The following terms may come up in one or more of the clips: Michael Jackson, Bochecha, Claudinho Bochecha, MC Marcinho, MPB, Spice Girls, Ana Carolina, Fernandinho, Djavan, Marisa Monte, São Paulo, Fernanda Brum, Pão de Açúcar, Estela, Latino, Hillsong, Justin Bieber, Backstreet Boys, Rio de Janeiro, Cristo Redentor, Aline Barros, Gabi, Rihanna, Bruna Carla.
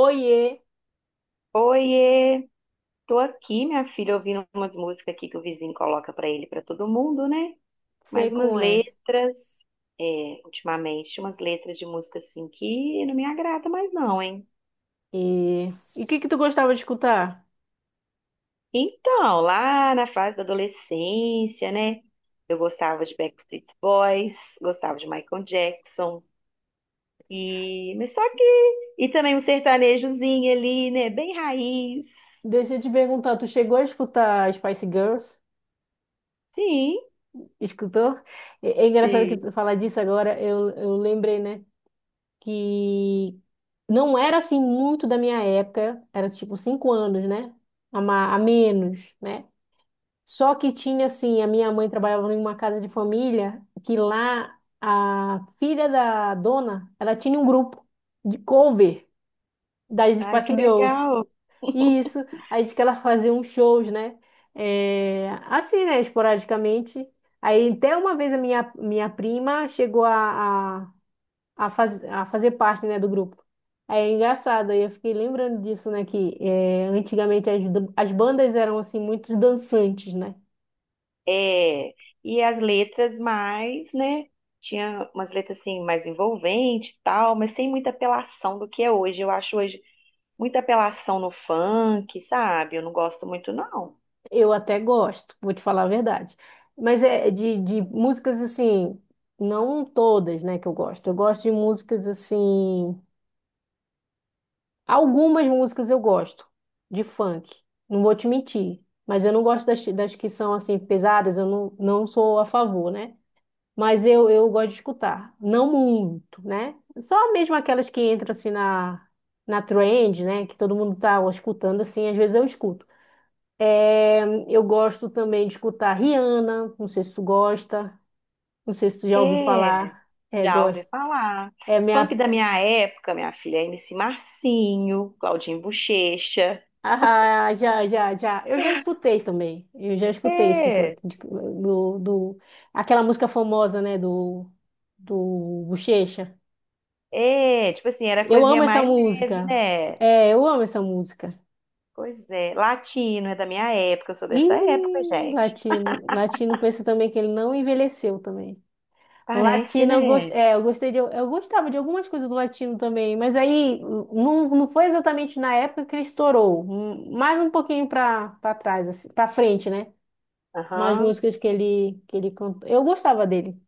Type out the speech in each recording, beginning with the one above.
Oiê, Oiê, tô aqui, minha filha, ouvindo umas músicas aqui que o vizinho coloca pra ele, pra todo mundo, né? sei Mais umas como é. letras, é, ultimamente, umas letras de música assim que não me agrada mais não, hein? E e o que que tu gostava de escutar? Então, lá na fase da adolescência, né? Eu gostava de Backstreet Boys, gostava de Michael Jackson e mas só que e também um sertanejozinho ali, né? Bem raiz. Deixa eu te perguntar, tu chegou a escutar Spice Girls? Sim, Escutou? É, é engraçado que sim. tu falar disso agora, eu lembrei, né? Que não era assim muito da minha época, era tipo cinco anos, né? A, a menos, né? Só que tinha assim, a minha mãe trabalhava em uma casa de família, que lá a filha da dona, ela tinha um grupo de cover das Ai, Spice que Girls. legal. Isso, aí diz que ela fazia uns shows, né? É, assim, né? Esporadicamente. Aí até uma vez a minha prima chegou a fazer parte, né, do grupo. Aí é engraçado, aí eu fiquei lembrando disso, né? Que é, antigamente as, as bandas eram, assim, muito dançantes, né? É, e as letras mais, né? Tinha umas letras assim mais envolvente e tal, mas sem muita apelação do que é hoje. Eu acho hoje muita apelação no funk, sabe? Eu não gosto muito, não. Eu até gosto, vou te falar a verdade. Mas é de músicas, assim, não todas, né, que eu gosto. Eu gosto de músicas, assim. Algumas músicas eu gosto de funk, não vou te mentir, mas eu não gosto das que são assim pesadas, eu não, não sou a favor, né? Mas eu gosto de escutar, não muito, né? Só mesmo aquelas que entram na trend, né? Que todo mundo tá escutando assim, às vezes eu escuto. É, eu gosto também de escutar Rihanna, não sei se tu gosta, não sei se tu já ouviu É, falar, é, já ouvi gosto. falar. É Funk minha. da minha época, minha filha, MC Marcinho, Claudinho Bochecha. Ah, já, já, já. Eu já escutei também. Eu já escutei esse for- É, de- do, do aquela música famosa, né, do Bochecha. é, tipo assim, era Eu amo coisinha essa mais leve, música. né? É, eu amo essa música. Pois é, latino é da minha época, eu sou dessa época, E gente. Latino pensa também que ele não envelheceu também. Parece, Latino, né? é, eu gostava de algumas coisas do latino também, mas aí não foi exatamente na época que ele estourou, mais um pouquinho para trás, assim, para frente, né? Mais Aham. músicas que ele cantou. Eu gostava dele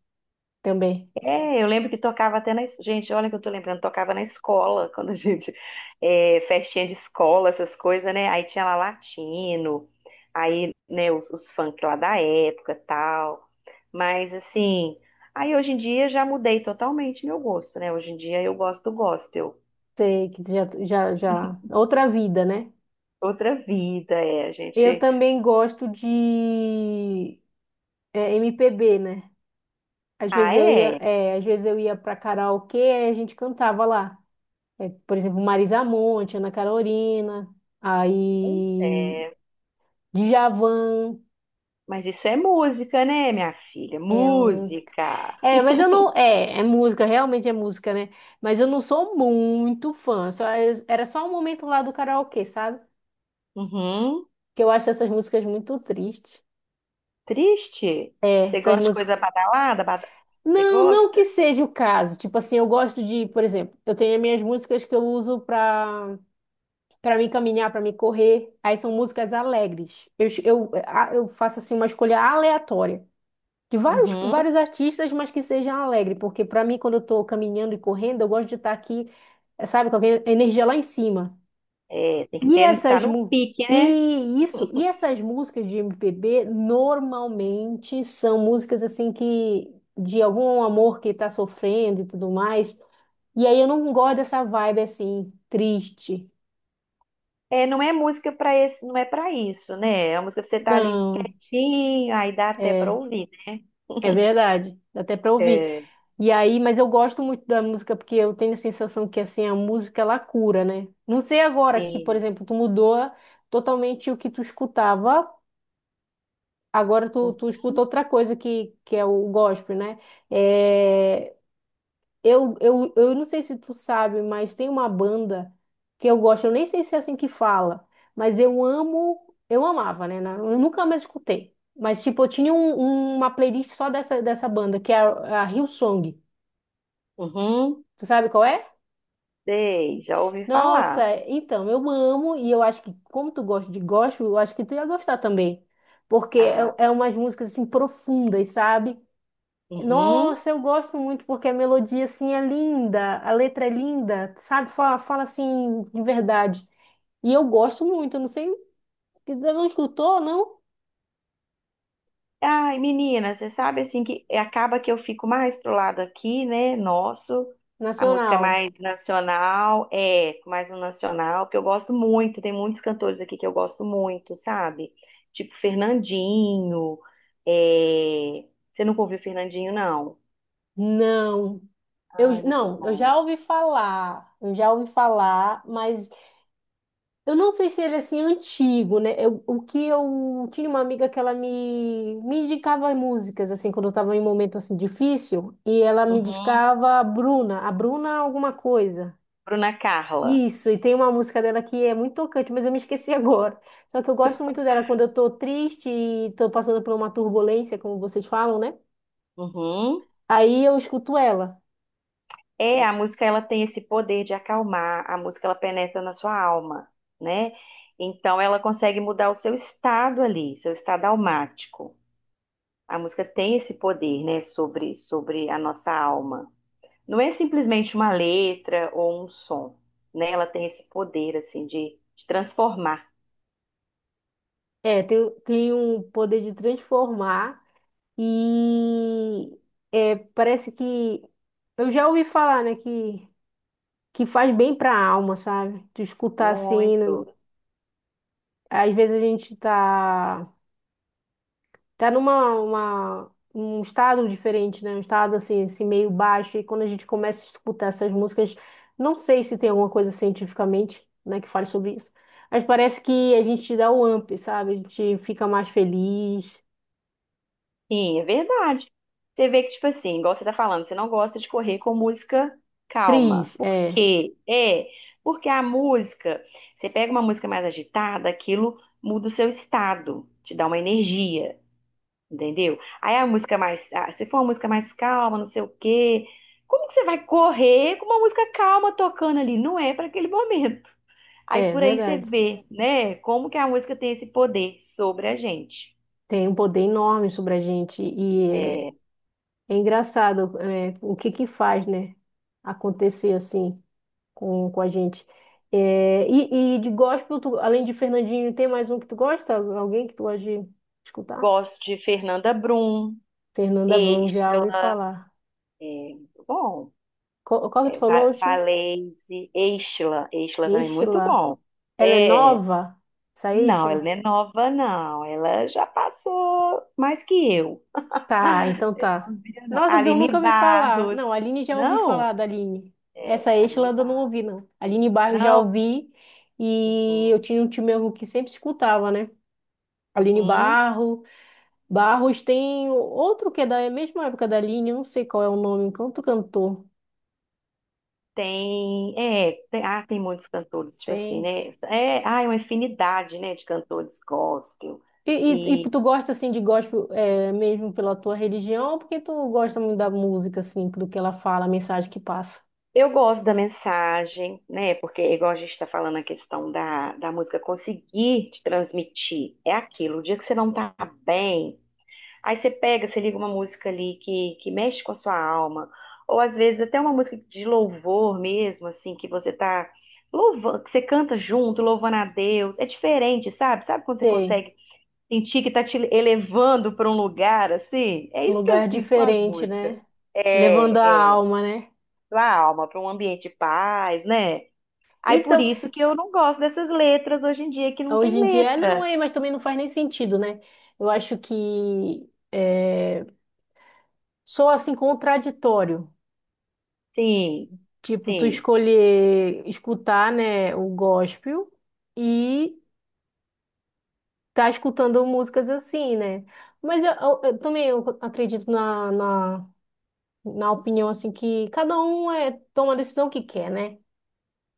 também. É, eu lembro que tocava até na. Gente, olha que eu tô lembrando, tocava na escola, quando a gente. É, festinha de escola, essas coisas, né? Aí tinha lá latino, aí, né, os funk lá da época tal. Mas, assim. Aí hoje em dia já mudei totalmente meu gosto, né? Hoje em dia eu gosto do gospel. Sei que já outra vida, né? Outra vida, é. A Eu gente. também gosto de é, MPB, né? Às Ah, vezes eu ia, é. é, às vezes eu ia para karaokê e a gente cantava lá. É, por exemplo, Marisa Monte, Ana Carolina, aí É. Djavan. Mas isso é música, né, minha filha? É, Música. é, mas eu não. É, é música, realmente é música, né? Mas eu não sou muito fã. Só, era só um momento lá do karaokê, sabe? Uhum. Que eu acho essas músicas muito tristes. Triste? É, Você essas gosta de músicas. coisa badalada? Você Não, não que gosta? seja o caso. Tipo assim, eu gosto de, por exemplo, eu tenho as minhas músicas que eu uso pra para me caminhar, pra me correr. Aí são músicas alegres. Eu, es- eu, a- Eu faço assim uma escolha aleatória de Uhum. vários artistas, mas que sejam alegre, porque pra mim quando eu tô caminhando e correndo, eu gosto de estar aqui, sabe, com a energia lá em cima. É, tem que E ter, tá essas no mu- pique, né? e isso, E essas músicas de MPB normalmente são músicas assim que de algum amor que tá sofrendo e tudo mais. E aí eu não gosto dessa vibe assim triste. É, não é música para esse, não é para isso, né? É uma música que você tá ali Não, quietinho, aí dá até para é, ouvir. é verdade. Dá até pra ouvir. É, E aí, mas eu gosto muito da música porque eu tenho a sensação que assim a música ela cura, né? Não sei agora que, por sim. exemplo, tu mudou totalmente o que tu escutava. Agora tu escuta outra coisa que é o gospel, né? É, eu não sei se tu sabe, mas tem uma banda que eu gosto, eu nem sei se é assim que fala, mas eu amo, eu amava, né? Eu nunca mais escutei. Mas, tipo, uma playlist só dessa banda, que é a Hillsong. Uhum. Tu sabe qual é? Sei, já ouvi Nossa, falar. então, eu amo e eu acho que, como tu gosta de gospel, eu acho que tu ia gostar também. Porque é, Ah, é umas músicas, assim, profundas, sabe? uhum. Nossa, eu gosto muito porque a melodia assim é linda, a letra é linda, sabe? Fala assim de verdade. E eu gosto muito, eu não sei, você não escutou, não? Ai, menina, você sabe assim que acaba que eu fico mais pro lado aqui, né? Nosso, a música Nacional. mais nacional, é, mais um nacional, que eu gosto muito, tem muitos cantores aqui que eu gosto muito, sabe? Tipo Fernandinho, é... você nunca ouviu Fernandinho, não? Não. Ai, muito Eu bom. já ouvi falar, eu já ouvi falar, mas eu não sei se ele é assim antigo, né? O que eu tinha uma amiga que ela me indicava músicas assim quando eu estava em um momento assim difícil e ela me Uhum. indicava a Bruna alguma coisa. Bruna Carla. Isso, e tem uma música dela que é muito tocante, mas eu me esqueci agora. Só que eu gosto muito dela quando eu tô triste e tô passando por uma turbulência, como vocês falam, né? Uhum. Aí eu escuto ela. É, a música ela tem esse poder de acalmar, a música ela penetra na sua alma, né? Então ela consegue mudar o seu estado ali, seu estado almático. A música tem esse poder, né, sobre a nossa alma. Não é simplesmente uma letra ou um som, né? Ela tem esse poder assim de transformar. É, tem um poder de transformar e é, parece que eu já ouvi falar, né, que faz bem pra alma, sabe? Tu escutar assim, Muito. às vezes a gente tá um estado diferente, né? Um estado assim, meio baixo. E quando a gente começa a escutar essas músicas, não sei se tem alguma coisa cientificamente, né, que fale sobre isso, mas parece que a gente dá o up, sabe? A gente fica mais feliz, Sim, é verdade. Você vê que, tipo assim, igual você tá falando, você não gosta de correr com música calma. Por é, quê? É, porque a música, você pega uma música mais agitada, aquilo muda o seu estado, te dá uma energia, entendeu? Aí a música mais, ah, se for uma música mais calma, não sei o quê, como que você vai correr com uma música calma tocando ali? Não é para aquele momento. Aí é por aí você verdade. vê, né, como que a música tem esse poder sobre a gente. Tem um poder enorme sobre a gente e É, é, é engraçado, é, o que que faz, né? Acontecer assim com a gente. É, e de gospel, além de Fernandinho, tem mais um que tu gosta? Alguém que tu gosta de escutar? gosto de Fernanda Brum. Fernanda Brum, já Eixla, ouvi falar. é, muito bom. Qual que tu falou, último? Valese, Eixla, Eixla também é muito Estela. bom. Ela é É, nova? Essa não, ela Estela? não é nova, não. Ela já passou mais que eu. Tá, então tá. Não, vira, não. Nossa, porque eu nunca Aline ouvi falar. Barros. Não, a Aline já ouvi Não? falar da Aline. É, Essa Estela Aline eu não Barros. ouvi, não. Aline Barros já Não. ouvi. E eu Uhum, tinha um tio meu que sempre escutava, né? Aline uhum. Barros. Barros tem outro que é da mesma época da Aline, eu não sei qual é o nome, outro cantor. Tem, é, tem, ah, tem muitos cantores, tipo assim, Tem. né? É, ah, é uma infinidade, né, de cantores gospel. E, e tu gosta assim de gospel é, mesmo pela tua religião, ou porque tu gosta muito da música, assim, do que ela fala, a mensagem que passa. Eu gosto da mensagem, né? Porque, igual a gente está falando, a questão da música conseguir te transmitir é aquilo. O dia que você não tá bem, aí você pega, você liga uma música ali que mexe com a sua alma, ou às vezes até uma música de louvor mesmo, assim, que você tá louvando, que você canta junto, louvando a Deus. É diferente, sabe? Sabe quando você Sei. consegue sentir que tá te elevando para um lugar assim? É Um isso que eu lugar sinto com as diferente, músicas. né? Levando a É, é alma, né? sua alma para um ambiente de paz, né? Aí por Então, isso que eu não gosto dessas letras hoje em dia que não hoje tem em dia, não letra. é, mas também não faz nem sentido, né? Eu acho que é, sou assim contraditório. Sim, Tipo, tu sim, escolher escutar, né, o gospel e tá escutando músicas assim, né? Mas eu também eu acredito na opinião, assim, que cada um é, toma a decisão que quer, né?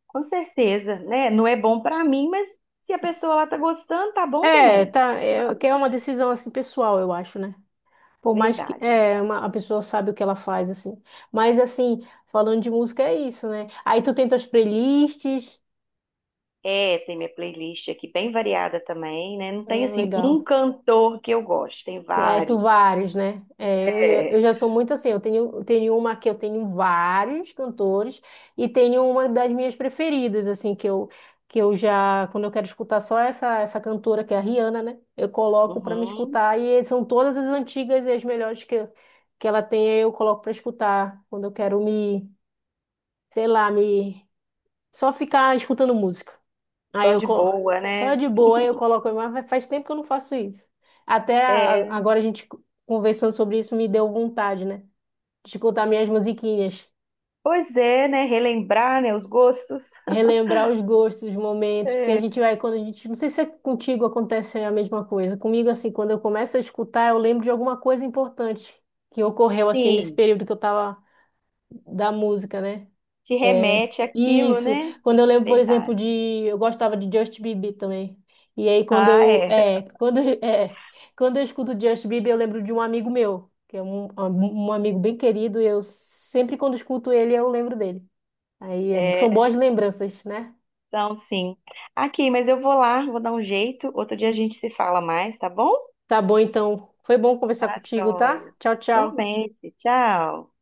com certeza, né? Não é bom para mim, mas se a pessoa lá tá gostando, tá bom É, também. tá, é, que é uma decisão, assim, pessoal, eu acho, né? Por mais que Verdade, é, verdade. uma, a pessoa sabe o que ela faz, assim. Mas, assim, falando de música é isso, né? Aí tu tem tuas playlists, É, tem minha playlist aqui bem variada também, né? Não tem é, assim legal. um cantor que eu gosto, tem Tem- Aí tu vários. vários, né? É, eu É, já sou muito assim, eu tenho uma que eu tenho vários cantores e tenho uma das minhas preferidas, assim, que eu já, quando eu quero escutar só essa cantora, que é a Rihanna, né? Eu coloco pra me uhum, escutar e são todas as antigas e as melhores que ela tem, eu coloco pra escutar quando eu quero sei lá, só ficar escutando música. Aí só eu de co- boa, só né? de boa eu coloco, mas faz tempo que eu não faço isso. É, Agora a gente conversando sobre isso me deu vontade, né? De escutar minhas musiquinhas, pois é, né? Relembrar, né, os gostos. relembrar os gostos, os momentos, porque a É, gente vai quando a gente, não sei se é contigo acontece a mesma coisa. Comigo assim, quando eu começo a escutar, eu lembro de alguma coisa importante que ocorreu assim nesse sim. período que eu tava da música, né? Te É, remete àquilo, isso. né? Quando eu lembro, por exemplo, de. Verdade. Eu gostava de Justin Bieber também. E aí, quando Ah, eu. é. É, quando, é, quando eu escuto Justin Bieber, eu lembro de um amigo meu, que é um amigo bem querido. E eu sempre, quando escuto ele, eu lembro dele. São É, boas lembranças, né? então sim. Aqui, mas eu vou lá, vou dar um jeito. Outro dia a gente se fala mais, tá bom? Tá bom, então. Foi bom conversar Tá, contigo, tá? joia. Tchau, tchau. Igualmente. Tchau.